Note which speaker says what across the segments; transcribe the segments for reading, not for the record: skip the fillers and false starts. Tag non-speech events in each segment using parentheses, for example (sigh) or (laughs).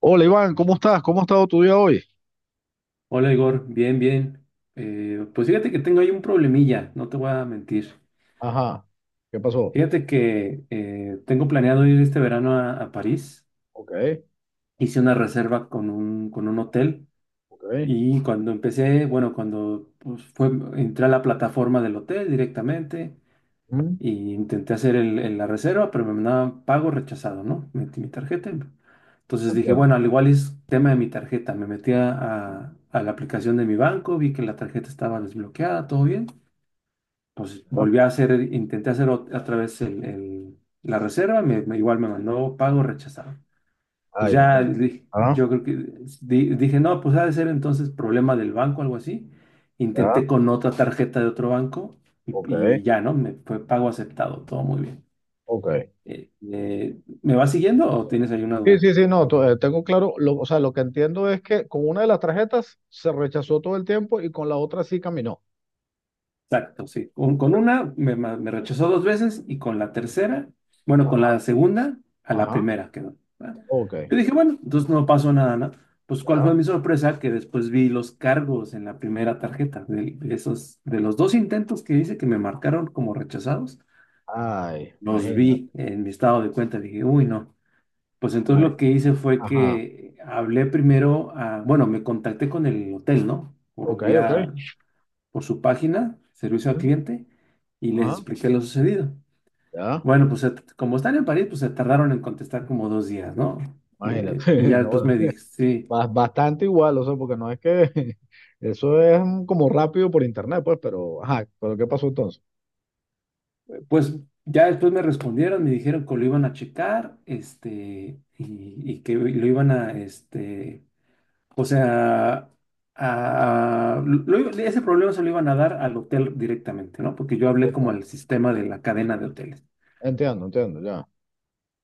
Speaker 1: Hola Iván, ¿cómo estás? ¿Cómo ha estado tu día hoy?
Speaker 2: Hola Igor, bien, bien. Pues fíjate que tengo ahí un problemilla, no te voy a mentir.
Speaker 1: Ajá, ¿qué pasó?
Speaker 2: Fíjate que tengo planeado ir este verano a París.
Speaker 1: Ok,
Speaker 2: Hice una reserva con con un hotel
Speaker 1: ok.
Speaker 2: y cuando empecé, bueno, cuando pues, fue, entré a la plataforma del hotel directamente
Speaker 1: Mm,
Speaker 2: y intenté hacer la reserva, pero me mandaban pago rechazado, ¿no? Metí mi tarjeta. Entonces dije, bueno,
Speaker 1: Entiendo.
Speaker 2: al igual es tema de mi tarjeta. Me metí a la aplicación de mi banco, vi que la tarjeta estaba desbloqueada, todo bien. Pues
Speaker 1: ¿Ya?
Speaker 2: volví a hacer, intenté hacer otra vez la reserva, igual me mandó pago rechazado. Pues
Speaker 1: Ay,
Speaker 2: ya
Speaker 1: imagínate.
Speaker 2: dije,
Speaker 1: Ah,
Speaker 2: yo creo que dije, no, pues ha de ser entonces problema del banco, algo así.
Speaker 1: ya.
Speaker 2: Intenté con otra tarjeta de otro banco y,
Speaker 1: Ok,
Speaker 2: y ya, ¿no? Me fue pago aceptado, todo muy bien.
Speaker 1: ok.
Speaker 2: ¿Me vas siguiendo o tienes ahí una
Speaker 1: Sí, sí,
Speaker 2: duda?
Speaker 1: sí, no, tengo claro, o sea, lo que entiendo es que con una de las tarjetas se rechazó todo el tiempo y con la otra sí caminó.
Speaker 2: Exacto, sí. Con una me rechazó dos veces y con la tercera, bueno, con la
Speaker 1: Ajá,
Speaker 2: segunda, a la
Speaker 1: ajá.
Speaker 2: primera quedó. ¿Va?
Speaker 1: Ok,
Speaker 2: Yo dije, bueno, entonces no pasó nada, ¿no? Pues cuál
Speaker 1: ya.
Speaker 2: fue mi sorpresa que después vi los cargos en la primera tarjeta de esos, de los dos intentos que hice que me marcaron como rechazados,
Speaker 1: Ay,
Speaker 2: los
Speaker 1: imagínate.
Speaker 2: vi en mi estado de cuenta. Dije, uy, no. Pues entonces
Speaker 1: Ay,
Speaker 2: lo que hice fue
Speaker 1: ajá,
Speaker 2: que hablé primero a, bueno, me contacté con el hotel, ¿no? Por
Speaker 1: ok, ok.
Speaker 2: vía por su página, servicio al
Speaker 1: Ujú,
Speaker 2: cliente, y les
Speaker 1: ajá,
Speaker 2: expliqué lo sucedido.
Speaker 1: ya,
Speaker 2: Bueno, pues como están en París, pues se tardaron en contestar como dos días, ¿no?
Speaker 1: imagínate.
Speaker 2: Y ya
Speaker 1: (laughs) No,
Speaker 2: después me dije, sí,
Speaker 1: Bastante igual, o sea, porque no es que (laughs) eso es como rápido por internet, pues, pero, ajá, pero ¿qué pasó entonces?
Speaker 2: pues ya después me respondieron, me dijeron que lo iban a checar, este, y que lo iban a, este, o sea, ese problema se lo iban a dar al hotel directamente, ¿no? Porque yo hablé
Speaker 1: Ok.
Speaker 2: como al sistema de la cadena de hoteles.
Speaker 1: Entiendo, entiendo, ya.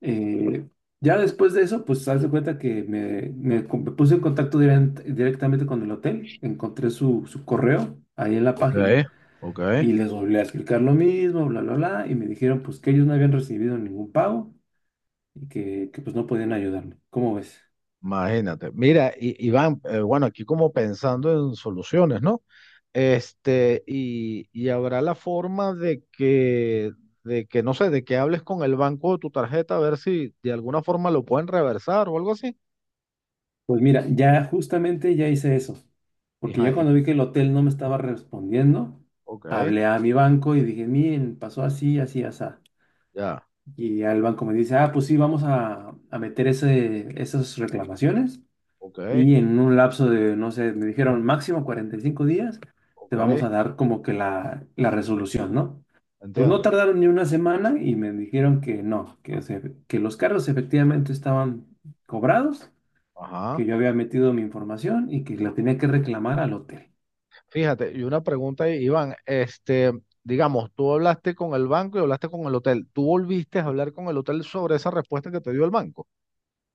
Speaker 2: Eh, ya después de eso, pues haz de cuenta que me puse en contacto directamente con el hotel, encontré su correo ahí en la
Speaker 1: Ok,
Speaker 2: página
Speaker 1: ok,
Speaker 2: y les volví a explicar lo mismo, bla, bla, bla, y me dijeron pues que ellos no habían recibido ningún pago y que pues no podían ayudarme. ¿Cómo ves?
Speaker 1: imagínate. Mira, Iván, bueno, aquí como pensando en soluciones, ¿no? Y, habrá la forma de que, no sé, de que hables con el banco de tu tarjeta a ver si de alguna forma lo pueden reversar o algo así.
Speaker 2: Pues mira, ya justamente ya hice eso, porque
Speaker 1: Ajá,
Speaker 2: ya cuando vi que el hotel no me estaba respondiendo,
Speaker 1: ok,
Speaker 2: hablé a mi banco y dije, miren, pasó así, así, así.
Speaker 1: ya,
Speaker 2: Y al banco me dice, ah, pues sí, vamos a meter esas reclamaciones
Speaker 1: ok,
Speaker 2: y en un lapso de, no sé, me dijeron máximo 45 días, te vamos
Speaker 1: ok,
Speaker 2: a dar como que la resolución, ¿no? Pues no
Speaker 1: entiendo.
Speaker 2: tardaron ni una semana y me dijeron que no, que los cargos efectivamente estaban cobrados, que
Speaker 1: Ajá.
Speaker 2: yo había metido mi información y que la tenía que reclamar al hotel.
Speaker 1: Fíjate, y una pregunta, Iván, digamos, tú hablaste con el banco y hablaste con el hotel. ¿Tú volviste a hablar con el hotel sobre esa respuesta que te dio el banco?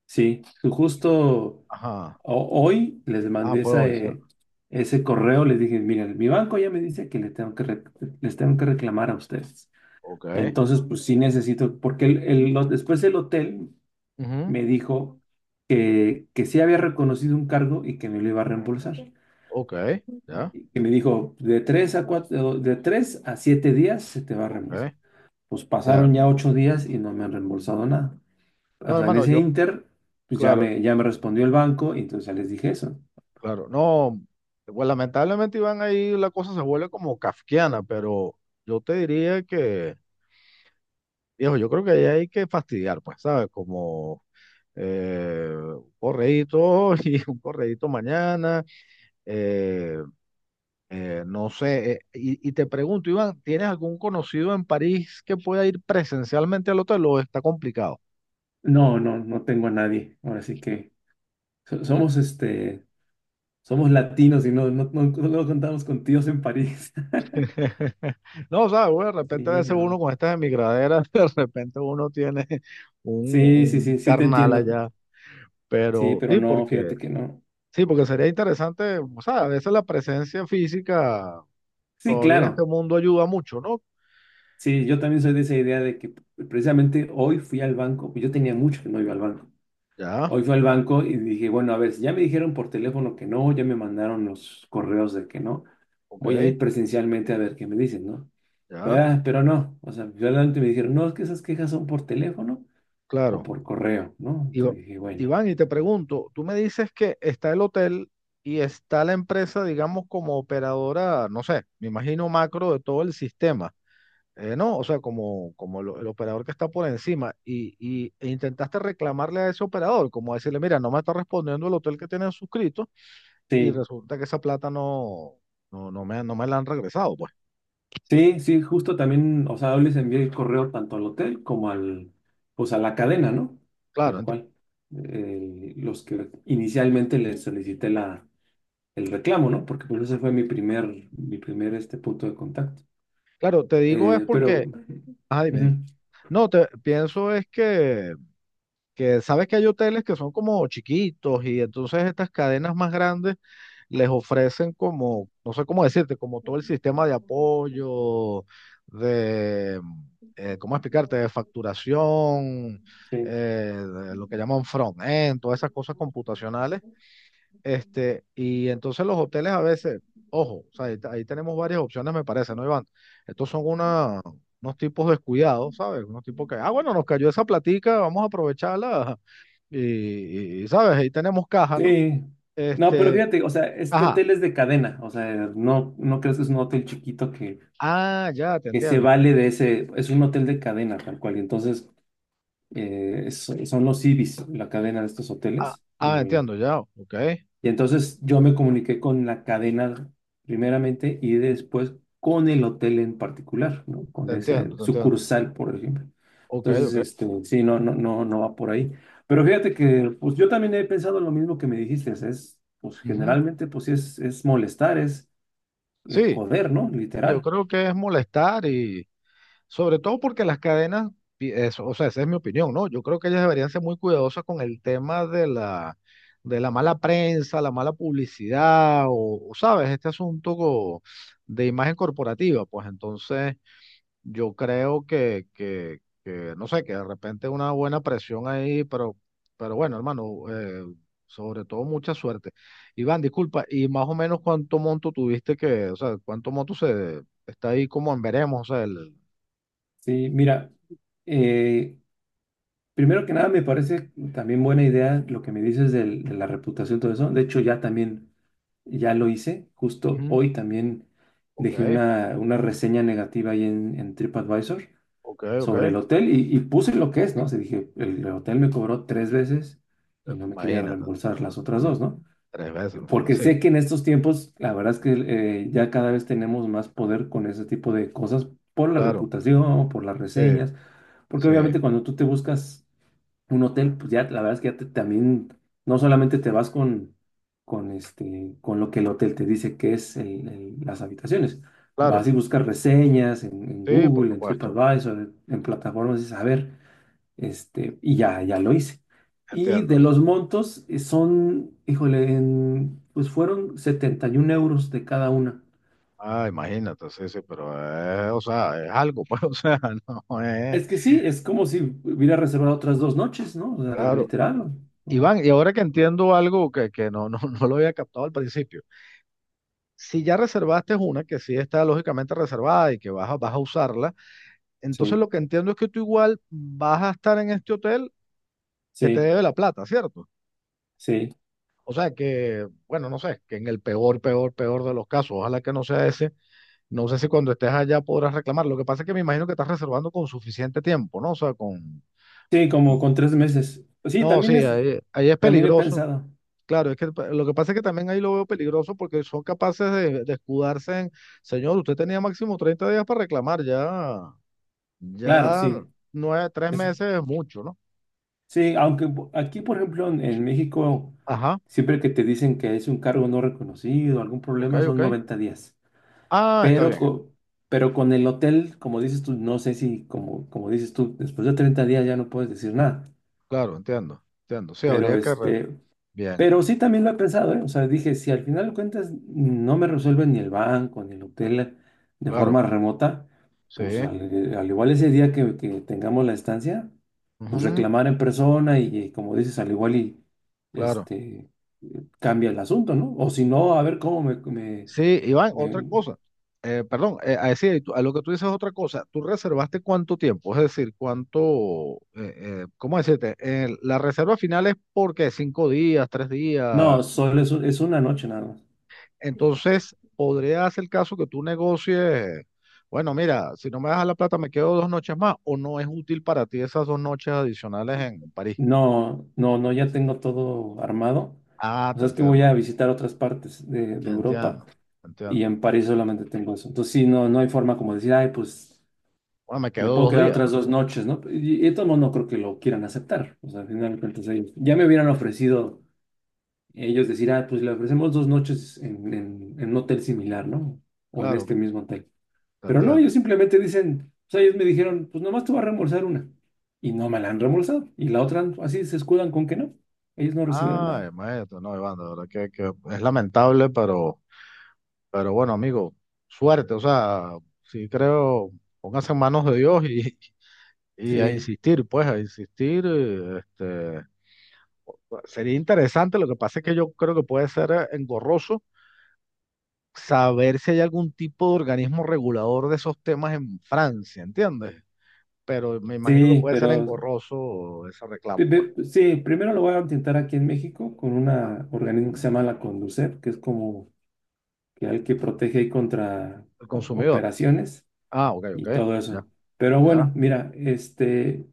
Speaker 2: Sí, su justo
Speaker 1: Ajá.
Speaker 2: Hoy les
Speaker 1: Ah,
Speaker 2: mandé
Speaker 1: pues
Speaker 2: esa,
Speaker 1: hoy, cierto.
Speaker 2: ese correo, les dije, miren, mi banco ya me dice que le tengo que les tengo que reclamar a ustedes.
Speaker 1: Ok.
Speaker 2: Entonces, pues sí necesito, porque después el hotel
Speaker 1: Ujú.
Speaker 2: me dijo que sí había reconocido un cargo y que me lo iba a reembolsar.
Speaker 1: Ok, ya,
Speaker 2: Y que me dijo, de tres a cuatro, de tres a siete días se te va a reembolsar.
Speaker 1: ok,
Speaker 2: Pues
Speaker 1: ya.
Speaker 2: pasaron ya 8 días y no me han reembolsado nada. O
Speaker 1: No,
Speaker 2: sea, en
Speaker 1: hermano,
Speaker 2: ese
Speaker 1: yo,
Speaker 2: inter, pues
Speaker 1: claro,
Speaker 2: ya me respondió el banco y entonces ya les dije eso.
Speaker 1: claro. No, pues lamentablemente, Iván, ahí la cosa se vuelve como kafkiana, pero yo te diría que, viejo, yo creo que ahí hay que fastidiar, pues, ¿sabes? Como un correíto (laughs) y un correíto mañana. Eh, no sé, y te pregunto, Iván, ¿tienes algún conocido en París que pueda ir presencialmente al hotel o está complicado?
Speaker 2: No, no, no tengo a nadie. Ahora sí que somos este, somos latinos y no, no, no, no contamos con tíos en París. (laughs)
Speaker 1: (laughs) No, sabes, bueno, de repente a
Speaker 2: Sí,
Speaker 1: veces uno
Speaker 2: no.
Speaker 1: con estas emigraderas, (laughs) de repente uno tiene
Speaker 2: Sí, sí, sí,
Speaker 1: un
Speaker 2: sí te
Speaker 1: carnal
Speaker 2: entiendo.
Speaker 1: allá,
Speaker 2: Sí,
Speaker 1: pero
Speaker 2: pero no, fíjate que no.
Speaker 1: sí, porque sería interesante, o sea, a veces la presencia física
Speaker 2: Sí,
Speaker 1: todavía en este
Speaker 2: claro.
Speaker 1: mundo ayuda mucho, ¿no?
Speaker 2: Sí, yo también soy de esa idea de que precisamente hoy fui al banco, yo tenía mucho que no iba al banco.
Speaker 1: Ya,
Speaker 2: Hoy fui al banco y dije, bueno, a ver, si ya me dijeron por teléfono que no, ya me mandaron los correos de que no,
Speaker 1: ok,
Speaker 2: voy a ir presencialmente a ver qué me dicen, ¿no?
Speaker 1: ya,
Speaker 2: Ah, pero no, o sea, finalmente me dijeron, no, es que esas quejas son por teléfono o
Speaker 1: claro.
Speaker 2: por correo, ¿no?
Speaker 1: Iva-
Speaker 2: Entonces dije, bueno,
Speaker 1: Iván, y te pregunto, tú me dices que está el hotel y está la empresa, digamos, como operadora, no sé, me imagino macro de todo el sistema, ¿no? O sea, como, el operador que está por encima y, e intentaste reclamarle a ese operador, como decirle, mira, no me está respondiendo el hotel que tienen suscrito y
Speaker 2: sí,
Speaker 1: resulta que esa plata no, no, no me, no me la han regresado, pues.
Speaker 2: sí, sí, justo también, o sea, yo les envié el correo tanto al hotel como al, pues a la cadena, ¿no?
Speaker 1: Claro,
Speaker 2: Tal cual. Los que inicialmente les solicité el reclamo, ¿no? Porque pues ese fue mi primer este punto de contacto.
Speaker 1: claro, te digo es
Speaker 2: Eh, pero,
Speaker 1: porque, ah, dime, dime.
Speaker 2: ujú,
Speaker 1: No, te pienso es que sabes que hay hoteles que son como chiquitos y entonces estas cadenas más grandes les ofrecen como, no sé cómo decirte, como todo el sistema de apoyo, de, ¿cómo explicarte? De facturación, eh,
Speaker 2: sí.
Speaker 1: de lo que llaman front-end, todas esas cosas computacionales. Y entonces los hoteles a veces, ojo, o sea, ahí, ahí tenemos varias opciones, me parece, ¿no, Iván? Estos son una, unos tipos descuidados, ¿sabes? Unos tipos que, ah, bueno, nos cayó esa platica, vamos a aprovecharla y, ¿sabes? Ahí tenemos caja, ¿no?
Speaker 2: Sí. No, pero
Speaker 1: Este,
Speaker 2: fíjate, o sea, este
Speaker 1: ajá.
Speaker 2: hotel es de cadena, o sea, no, no crees que es un hotel chiquito
Speaker 1: Ah, ya, te
Speaker 2: que se
Speaker 1: entiendo.
Speaker 2: vale de ese, es un hotel de cadena tal cual, y entonces son los Ibis, la cadena de estos
Speaker 1: Ah,
Speaker 2: hoteles,
Speaker 1: ah, entiendo, ya. Ok. Te
Speaker 2: y entonces yo me comuniqué con la cadena primeramente y después con el hotel en particular, ¿no? Con ese
Speaker 1: entiendo, te entiendo.
Speaker 2: sucursal, por ejemplo.
Speaker 1: Ok,
Speaker 2: Entonces,
Speaker 1: ok.
Speaker 2: este, sí, no, no, no, no va por ahí. Pero fíjate que, pues yo también he pensado lo mismo que me dijiste, es, pues
Speaker 1: Ujú.
Speaker 2: generalmente, pues sí, es molestar, es
Speaker 1: Sí,
Speaker 2: joder, ¿no?
Speaker 1: yo
Speaker 2: Literal.
Speaker 1: creo que es molestar y sobre todo porque las cadenas, eso, o sea, esa es mi opinión, ¿no? Yo creo que ellas deberían ser muy cuidadosas con el tema de la mala prensa, la mala publicidad o, ¿sabes? Este asunto de imagen corporativa, pues entonces... Yo creo que, no sé, que de repente una buena presión ahí, pero bueno, hermano, sobre todo mucha suerte. Iván, disculpa, y más o menos cuánto monto tuviste que, o sea, cuánto monto se está ahí como en veremos, o sea, el,
Speaker 2: Sí, mira, eh, primero que nada, me parece también buena idea lo que me dices de la reputación, todo eso. De hecho, ya también, ya lo hice. Justo
Speaker 1: ujú,
Speaker 2: hoy también dejé
Speaker 1: ok,
Speaker 2: una reseña negativa ahí en TripAdvisor
Speaker 1: ok, ok,
Speaker 2: sobre el hotel y puse lo que es, ¿no? O sea, dije, el hotel me cobró tres veces y no me quería
Speaker 1: imagínate,
Speaker 2: reembolsar
Speaker 1: ah,
Speaker 2: las otras
Speaker 1: coño,
Speaker 2: dos, ¿no?
Speaker 1: tres veces, ¿no? Ah,
Speaker 2: Porque
Speaker 1: sí,
Speaker 2: sé que en estos tiempos, la verdad es que ya cada vez tenemos más poder con ese tipo de cosas por la
Speaker 1: claro,
Speaker 2: reputación, por las
Speaker 1: sí,
Speaker 2: reseñas, porque
Speaker 1: sí,
Speaker 2: obviamente cuando tú te buscas un hotel, pues ya la verdad es que ya también no solamente te vas este, con lo que el hotel te dice que es las habitaciones, vas
Speaker 1: claro,
Speaker 2: y buscas reseñas en
Speaker 1: sí, por
Speaker 2: Google, en
Speaker 1: supuesto,
Speaker 2: TripAdvisor, en plataformas y saber, este, y ya, ya lo hice. Y
Speaker 1: entiendo.
Speaker 2: de los montos son, híjole, pues fueron 71 euros de cada una.
Speaker 1: Ah, imagínate, sí, sí, pero, o sea, es algo, pues, (laughs) o sea, no es.
Speaker 2: Es que sí, es como si hubiera reservado otras dos noches, ¿no? O sea,
Speaker 1: Claro.
Speaker 2: literal. ¿No?
Speaker 1: Iván, y ahora que entiendo algo que no, no, (laughs) no lo había captado al principio, si ya reservaste una que sí está lógicamente reservada y que vas a, vas a usarla, entonces
Speaker 2: Sí,
Speaker 1: lo que entiendo es que tú igual vas a estar en este hotel que te
Speaker 2: sí,
Speaker 1: debe la plata, ¿cierto?
Speaker 2: sí.
Speaker 1: O sea que, bueno, no sé, que en el peor, peor, peor de los casos, ojalá que no sea ese, no sé si cuando estés allá podrás reclamar. Lo que pasa es que me imagino que estás reservando con suficiente tiempo, ¿no? O sea, con...
Speaker 2: Sí, como
Speaker 1: con-
Speaker 2: con tres meses. Pues sí,
Speaker 1: No,
Speaker 2: también
Speaker 1: sí,
Speaker 2: es,
Speaker 1: ahí es
Speaker 2: también he
Speaker 1: peligroso.
Speaker 2: pensado.
Speaker 1: Claro, es que lo que pasa es que también ahí lo veo peligroso porque son capaces de escudarse en, señor, usted tenía máximo 30 días para reclamar, ya,
Speaker 2: Claro,
Speaker 1: ya
Speaker 2: sí.
Speaker 1: nueve, tres
Speaker 2: Eso.
Speaker 1: meses es mucho, ¿no?
Speaker 2: Sí, aunque aquí, por ejemplo, en México,
Speaker 1: Ajá,
Speaker 2: siempre que te dicen que es un cargo no reconocido, algún
Speaker 1: ok,
Speaker 2: problema, son
Speaker 1: ok.
Speaker 2: 90 días.
Speaker 1: Ah, está
Speaker 2: Pero,
Speaker 1: bien,
Speaker 2: pero con el hotel, como dices tú, no sé si, como, como dices tú, después de 30 días ya no puedes decir nada.
Speaker 1: claro, entiendo, entiendo. Sí,
Speaker 2: Pero
Speaker 1: habría que,
Speaker 2: este,
Speaker 1: bien,
Speaker 2: pero sí también lo he pensado, ¿eh? O sea, dije, si al final de cuentas no me resuelven ni el banco, ni el hotel de
Speaker 1: claro,
Speaker 2: forma remota,
Speaker 1: sí,
Speaker 2: pues al igual ese día que tengamos la estancia, pues
Speaker 1: ujú,
Speaker 2: reclamar en persona y como dices, al igual y
Speaker 1: claro.
Speaker 2: este cambia el asunto, ¿no? O si no, a ver cómo
Speaker 1: Sí, Iván, otra
Speaker 2: me-
Speaker 1: cosa. Perdón, a, decir, a lo que tú dices otra cosa. ¿Tú reservaste cuánto tiempo? Es decir, cuánto, ¿cómo decirte? La reserva final es porque 5 días, 3 días.
Speaker 2: no, solo es, es una noche nada más.
Speaker 1: Entonces, podría ser el caso que tú negocies, bueno, mira, si no me das la plata, me quedo dos noches más, o no es útil para ti esas dos noches adicionales en París.
Speaker 2: No, no, no, ya tengo todo armado.
Speaker 1: Ah,
Speaker 2: O
Speaker 1: te
Speaker 2: sea, es que voy
Speaker 1: entiendo,
Speaker 2: a visitar otras partes de Europa.
Speaker 1: entiendo,
Speaker 2: Y
Speaker 1: entiendo.
Speaker 2: en París solamente tengo eso. Entonces, sí, no, no hay forma como decir, ay, pues
Speaker 1: Bueno, me quedo
Speaker 2: me puedo
Speaker 1: dos
Speaker 2: quedar
Speaker 1: días, ¿no?
Speaker 2: otras dos noches, ¿no? Y de todos modos no creo que lo quieran aceptar. O sea, al final de cuentas, ellos ya me hubieran ofrecido ellos decir, ah, pues le ofrecemos dos noches en un hotel similar, ¿no? O en
Speaker 1: Claro, claro,
Speaker 2: este mismo hotel.
Speaker 1: te
Speaker 2: Pero no,
Speaker 1: entiendo.
Speaker 2: ellos simplemente dicen, o sea, ellos me dijeron, pues nomás te va a reembolsar una. Y no me la han reembolsado. Y la otra, así se escudan con que no. Ellos no recibieron
Speaker 1: Ay,
Speaker 2: nada.
Speaker 1: maestro, no, Iván, de verdad que es lamentable, pero bueno, amigo, suerte, o sea, sí creo, póngase en manos de Dios y a
Speaker 2: Sí,
Speaker 1: insistir, pues, a insistir, este, sería interesante, lo que pasa es que yo creo que puede ser engorroso saber si hay algún tipo de organismo regulador de esos temas en Francia, ¿entiendes? Pero me imagino que
Speaker 2: sí,
Speaker 1: puede ser
Speaker 2: pero
Speaker 1: engorroso ese reclamo, pues,
Speaker 2: Sí, primero lo voy a intentar aquí en México con un
Speaker 1: ah,
Speaker 2: organismo que se llama la Conducef, que es como que al que protege ahí contra
Speaker 1: el consumidor.
Speaker 2: operaciones
Speaker 1: Ah, ok, ok,
Speaker 2: y todo eso.
Speaker 1: ya,
Speaker 2: Pero
Speaker 1: ya,
Speaker 2: bueno, mira, este,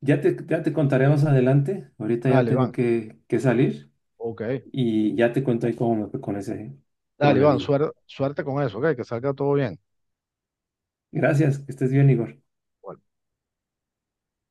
Speaker 2: ya te contaré más adelante. Ahorita ya
Speaker 1: dale,
Speaker 2: tengo
Speaker 1: Iván,
Speaker 2: que salir
Speaker 1: ok.
Speaker 2: y ya te cuento ahí cómo me fue con ese
Speaker 1: Dale, Iván,
Speaker 2: problemilla.
Speaker 1: suerte con eso, ¿ok? Que salga todo bien.
Speaker 2: Gracias, que estés bien, Igor.
Speaker 1: Bueno.